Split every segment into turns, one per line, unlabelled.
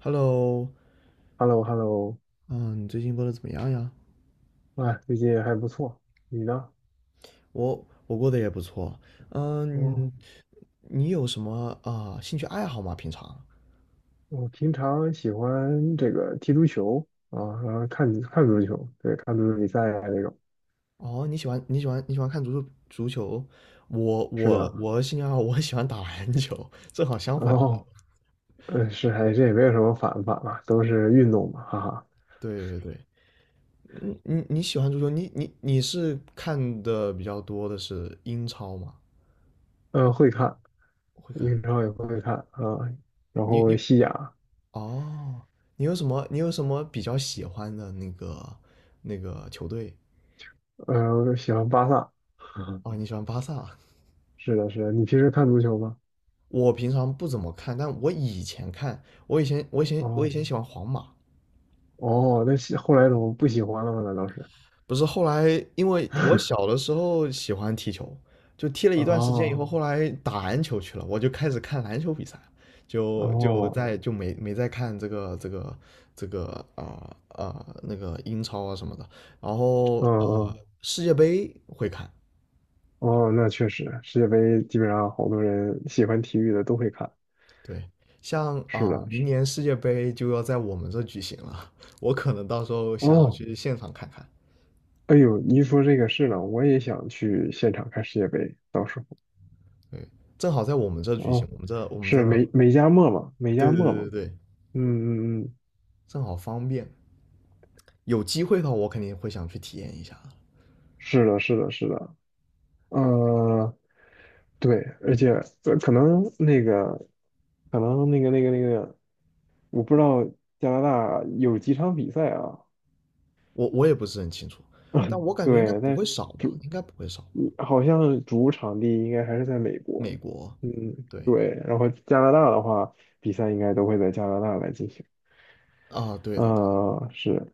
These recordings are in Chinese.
Hello，
h e l l o h e l l o
嗯，你最近过得怎么样呀？
啊，最近还不错，你呢？
我过得也不错。嗯，
哦，
你有什么兴趣爱好吗？平常？
我平常喜欢这个踢足球啊，然后看看足球，对，看足球比赛啊这种。
哦，你喜欢看足球？我
是的，
我我兴趣爱好我喜欢打篮球，正好相
然
反的。
后是，还这也没有什么反不反吧，都是运动嘛，哈哈。
对对对，嗯你喜欢足球？你是看的比较多的是英超吗？
会看
会看。
英超也会看啊，然
你
后
你
西甲，
哦，你有什么比较喜欢的那个球队？
喜欢巴萨。
哦，你喜欢巴萨？
是的，是的，你平时看足球吗？
我平常不怎么看，但我以前看，我以前我以前我以
哦
前喜欢皇马，
哦，那后来怎么不喜欢了吗？难道是？
不是后来因为我 小的时候喜欢踢球，就踢了一段时间以后，
哦
后来打篮球去了，我就开始看篮球比赛，就就
哦，
在就没再看这个啊啊、呃那个英超啊什么的，然后
嗯
啊
嗯
世界杯会看，
哦，那确实，世界杯基本上好多人喜欢体育的都会看。
对，像
是的，
明
是。
年世界杯就要在我们这举行了，我可能到时候想要
哦，
去现场看看。
哎呦，你一说这个是呢，我也想去现场看世界杯，到时候。
对，正好在我们这举行，
哦，
我们这，
是美加墨嘛，美加
对对对
墨嘛。
对对，
嗯嗯嗯，
正好方便。有机会的话，我肯定会想去体验一下的。
是的，是的，是的。呃，对，而且可能那个，可能那个那个那个，我不知道加拿大有几场比赛啊。
我也不是很清楚，但 我感觉应该
对，
不会
但
少吧，
主
应该不会少吧。
好像主场地应该还是在美国，
美国，
嗯，
对
对。然后加拿大的话，比赛应该都会在加拿大来进行。
啊，对的，对的，
啊，是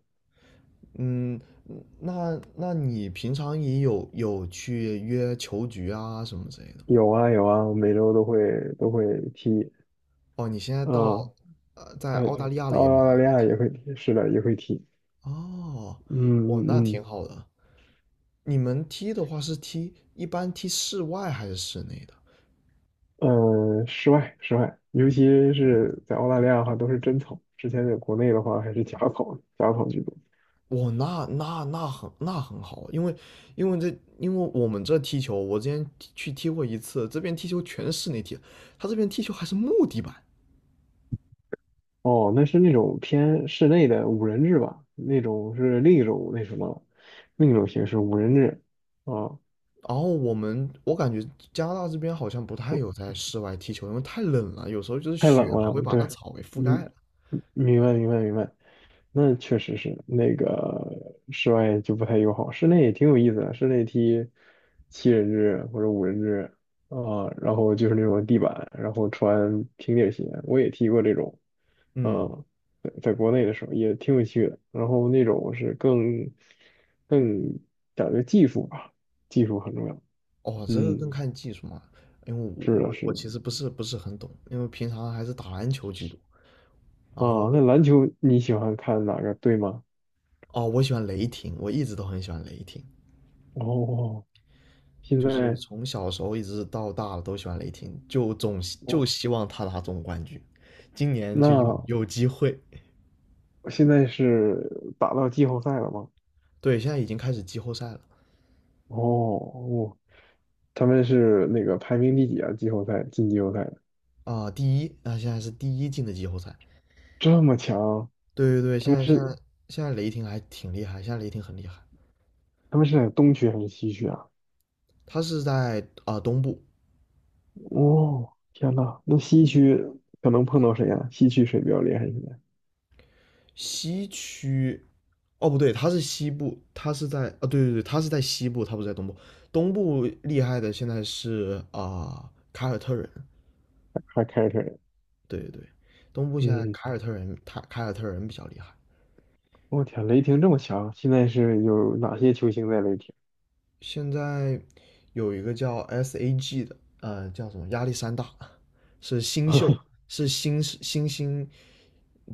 嗯，那你平常也有去约球局啊什么之类的吗？
有啊有啊，我每周都会都会踢，
哦，你现在
嗯，
在
哎
澳大利亚了也没
澳
有？
大利亚也会踢，是的，也会踢。
哦，哇，那
嗯
挺
嗯
好的。你们踢的话是踢一般踢室外还是室内的？
嗯，室外室外，尤其是在澳大利亚的话，都是真草。之前在国内的话，还是假草，假草居多。
哇，那很好啊，因为我们这踢球，我之前去踢过一次，这边踢球全是室内踢，他这边踢球还是木地板。
哦，那是那种偏室内的五人制吧，那种是另一种那什么了另一种形式五人制啊，
然后我感觉加拿大这边好像不太
我
有在室外踢球，因为太冷了，有时候就是
太冷
雪还会
了，
把那
对，
草给覆盖了。
嗯嗯明白明白明白，那确实是那个室外就不太友好，室内也挺有意思的，室内踢七人制或者五人制啊，然后就是那种地板，然后穿平底鞋，我也踢过这种，
嗯，
嗯，在国内的时候也挺有趣的。然后那种是更更讲究技术吧，技术很重要。
哦，这个
嗯，
更看技术嘛，因为我
是的，
我
是
我
的。
其实不是很懂，因为平常还是打篮球居多。然后
啊，那篮球你喜欢看哪个队吗？
哦，我喜欢雷霆，我一直都很喜欢雷霆，
哦，现
就是
在
从小时候一直到大了都喜欢雷霆，就
哦，
希望他拿总冠军，今年就有
那
有机会。
现在是打到季后赛了吗？
对，现在已经开始季后赛了
哦哦，他们是那个排名第几啊？季后赛进季后赛的
啊，第一，现在是第一进的季后赛。
这么强，
对对对，
他
现
们
在现
是
在现在雷霆还挺厉害，现在雷霆很厉害，
在东区还是西区啊？
他是在东部，
哦，天呐，那西区可能碰到谁呀、西区谁比较厉害？现在
西区，哦不对，它是西部，它是在对对对，它是在西部，它不是在东部。东部厉害的现在是凯尔特人，
还开着车呢。
对对对，东部现在
嗯，
凯尔特人，他凯尔特人比较厉害。
我天，雷霆这么强，现在是有哪些球星在雷霆？
现在有一个叫 SAG 的，叫什么亚历山大，是新秀，是新星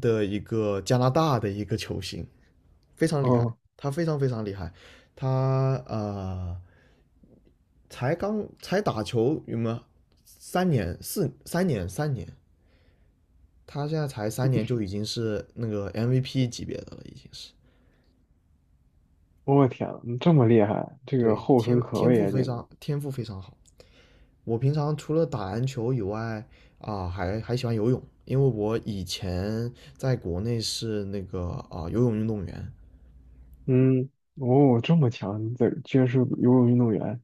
的一个加拿大的一个球星，非常厉害，
哦，
他非常非常厉害。他才刚才打球有吗？三年，他现在才三年就已经是那个 MVP 级别的了，已经是。
我天，这么厉害，这个
对，
后
天
生可
天
畏
赋
啊，
非
简直。
常天赋非常好。我平常除了打篮球以外啊，还喜欢游泳，因为我以前在国内是那个游泳运动员，
嗯，哦，这么强，这居然是游泳运动员。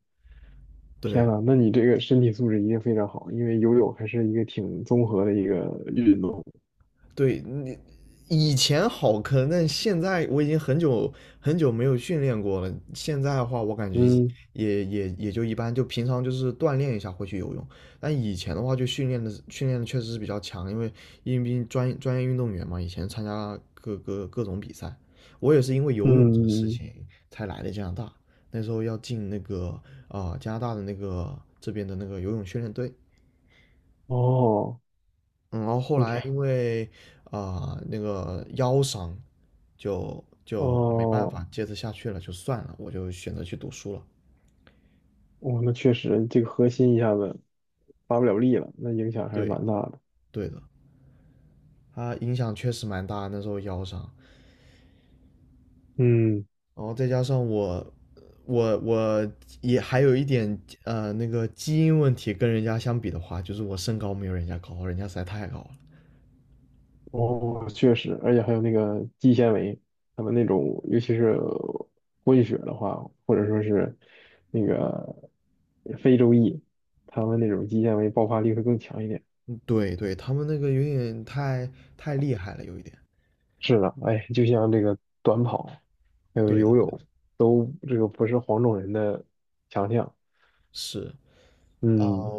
对，
天呐，那你这个身体素质一定非常好，因为游泳还是一个挺综合的一个运动。
对你以前好坑，但现在我已经很久很久没有训练过了。现在的话，我感觉
嗯
也就一般，就平常就是锻炼一下会去游泳。但以前的话，就训练的确实是比较强，因为专业运动员嘛，以前参加各种比赛。我也是因为游泳这个事
嗯，嗯
情才来的加拿大，那时候要进那个加拿大的那个这边的那个游泳训练队。
哦，
嗯，然后后
我
来
天，
因为那个腰伤，就没办
哦。
法接着下去了，就算了，我就选择去读书了。
哦，那确实，这个核心一下子发不了力了，那影响还是
对，
蛮大的。
对的，它影响确实蛮大，那时候腰伤，
嗯，
然后再加上我也还有一点那个基因问题，跟人家相比的话，就是我身高没有人家高，人家实在太高了。
哦，确实，而且还有那个肌纤维，他们那种，尤其是混血的话，或者说是那个非洲裔，他们那种肌纤维爆发力会更强一点。
对对，他们那个有点太厉害了，有一点。
是的，哎，就像这个短跑，还有
对的，
游泳，都这个不是黄种人的强项。
是。啊，
嗯，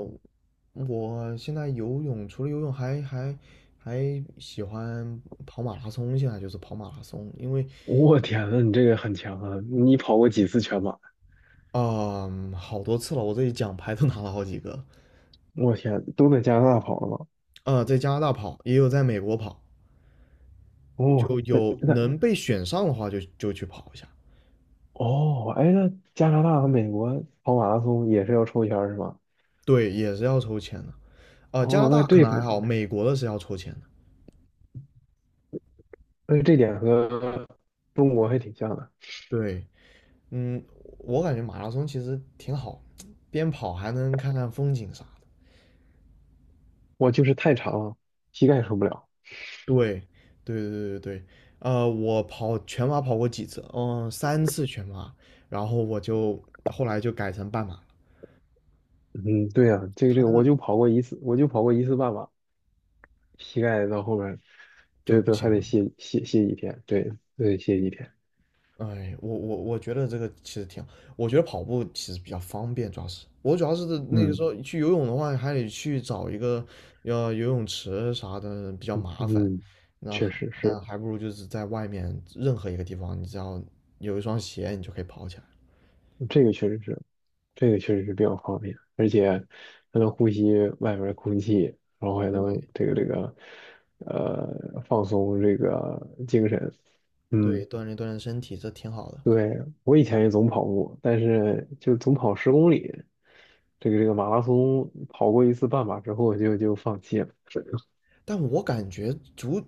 我现在游泳，除了游泳还喜欢跑马拉松。现在就是跑马拉松，因为
我天呐，你这个很强啊！你跑过几次全马？
啊，好多次了，我这己奖牌都拿了好几个。
我天，都在加拿大跑了吗？
在加拿大跑，也有在美国跑，
哦，
就有
那
能被选上的话就去跑一下。
哦，哎，那加拿大和美国跑马拉松也是要抽签儿是吧？
对，也是要抽签的。加拿
哦，那
大可
这
能还
份
好，美国的是要抽签的。
那这点和中国还挺像的。
对，嗯，我感觉马拉松其实挺好，边跑还能看看风景啥的。
我就是太长了，膝盖受不了。
对，对对对对对，我跑全马跑过几次，三次全马，然后我就后来就改成半马了，
嗯，对呀、这
他
个，
那个
我就跑过一次半马，膝盖到后边儿
就
就
不
都还
行
得
了。
歇几天，对，都得歇几天。
哎，我觉得这个其实挺好，我觉得跑步其实比较方便，主要是那个时
嗯
候去游泳的话，还得去找一个游泳池啥的比较麻烦，
嗯，
那
确
还
实是
那
的
还不如就是在外面任何一个地方，你只要有一双鞋，你就可以跑起来。
这个确实是。这个确实是比较方便，而且还能呼吸外面的空气，然后还
对
能放松这个精神。嗯，
对，锻炼锻炼身体，这挺好的。
对，我以前也总跑步，但是就总跑十公里，这个马拉松跑过一次半马之后就放弃了。
但我感觉足，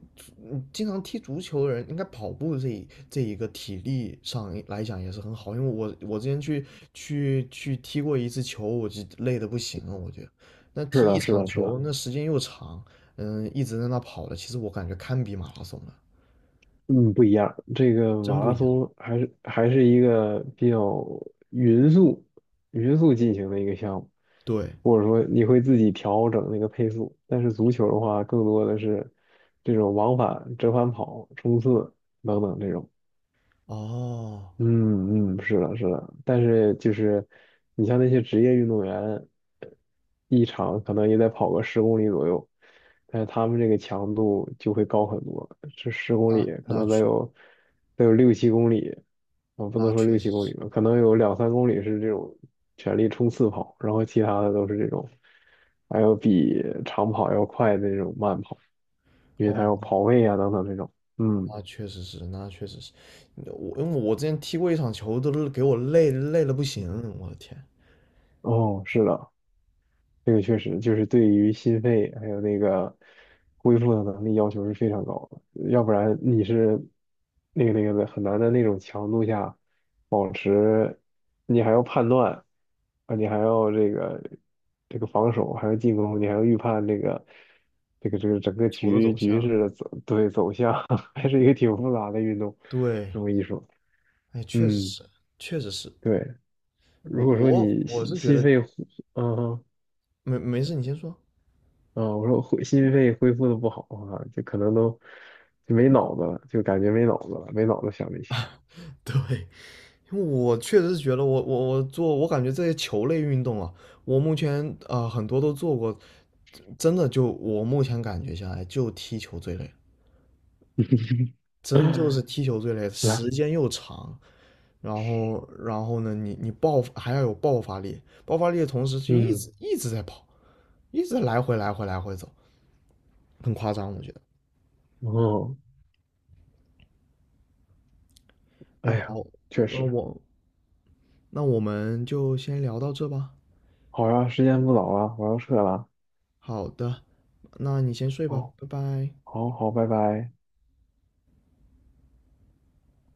嗯经常踢足球的人，应该跑步这一个体力上来讲也是很好，因为我之前去踢过一次球，我就累的不行了，我觉得，那
是
踢一
的，是
场
的，是的。
球那时间又长，嗯，一直在那跑的，其实我感觉堪比马拉松了，
嗯，不一样。这个
真
马
不
拉
一样。
松还是一个比较匀速、匀速进行的一个项目，
对，
或者说你会自己调整那个配速。但是足球的话，更多的是这种往返、折返跑、冲刺等等这种。
哦，
嗯嗯，是的，是的，但是就是你像那些职业运动员，一场可能也得跑个十公里左右，但是他们这个强度就会高很多，这十公
那
里可
那
能
确
得有六七公里，啊，不
那
能说
确
六
实
七公里
是，
吧，可能有两三公里是这种全力冲刺跑，然后其他的都是这种还有比长跑要快的那种慢跑，因为他
哦，
有跑位啊等等这种，嗯，
那确实是，那确实是，我因为我之前踢过一场球，都给我累的不行，我的天。
哦，是的，这个确实就是对于心肺还有那个恢复的能力要求是非常高的，要不然你是那个的很难的那种强度下保持，你还要判断啊，你还要这个防守，还要进攻，你还要预判这个整个
球的走
局
向。
势的走向，还是一个挺复杂的运动，这
对，
么一说，
哎，确实
嗯，
是，确实是。
对，
我
如果说
我
你
我是觉
心
得
肺，嗯。
没事，你先说。
啊、我说心肺恢复的不好啊，就可能都就没脑子了，就感觉没脑子了，没脑子想这些。
对，因为我确实是觉得我感觉这些球类运动啊，我目前很多都做过，真的就我目前感觉下来就踢球最累，真就是 踢球最累，
来，
时间又长，然后呢，你还要有爆发力，爆发力的同时就一
嗯，
直一直在跑，一直来回来回来回走，很夸张，我觉得。
哦，
那
哎呀，
好，
确
呃，
实，
我那我们就先聊到这吧。
好呀，时间不早了，我要撤了，
好的，那你先睡吧，
好，
拜拜。
好，好，拜拜。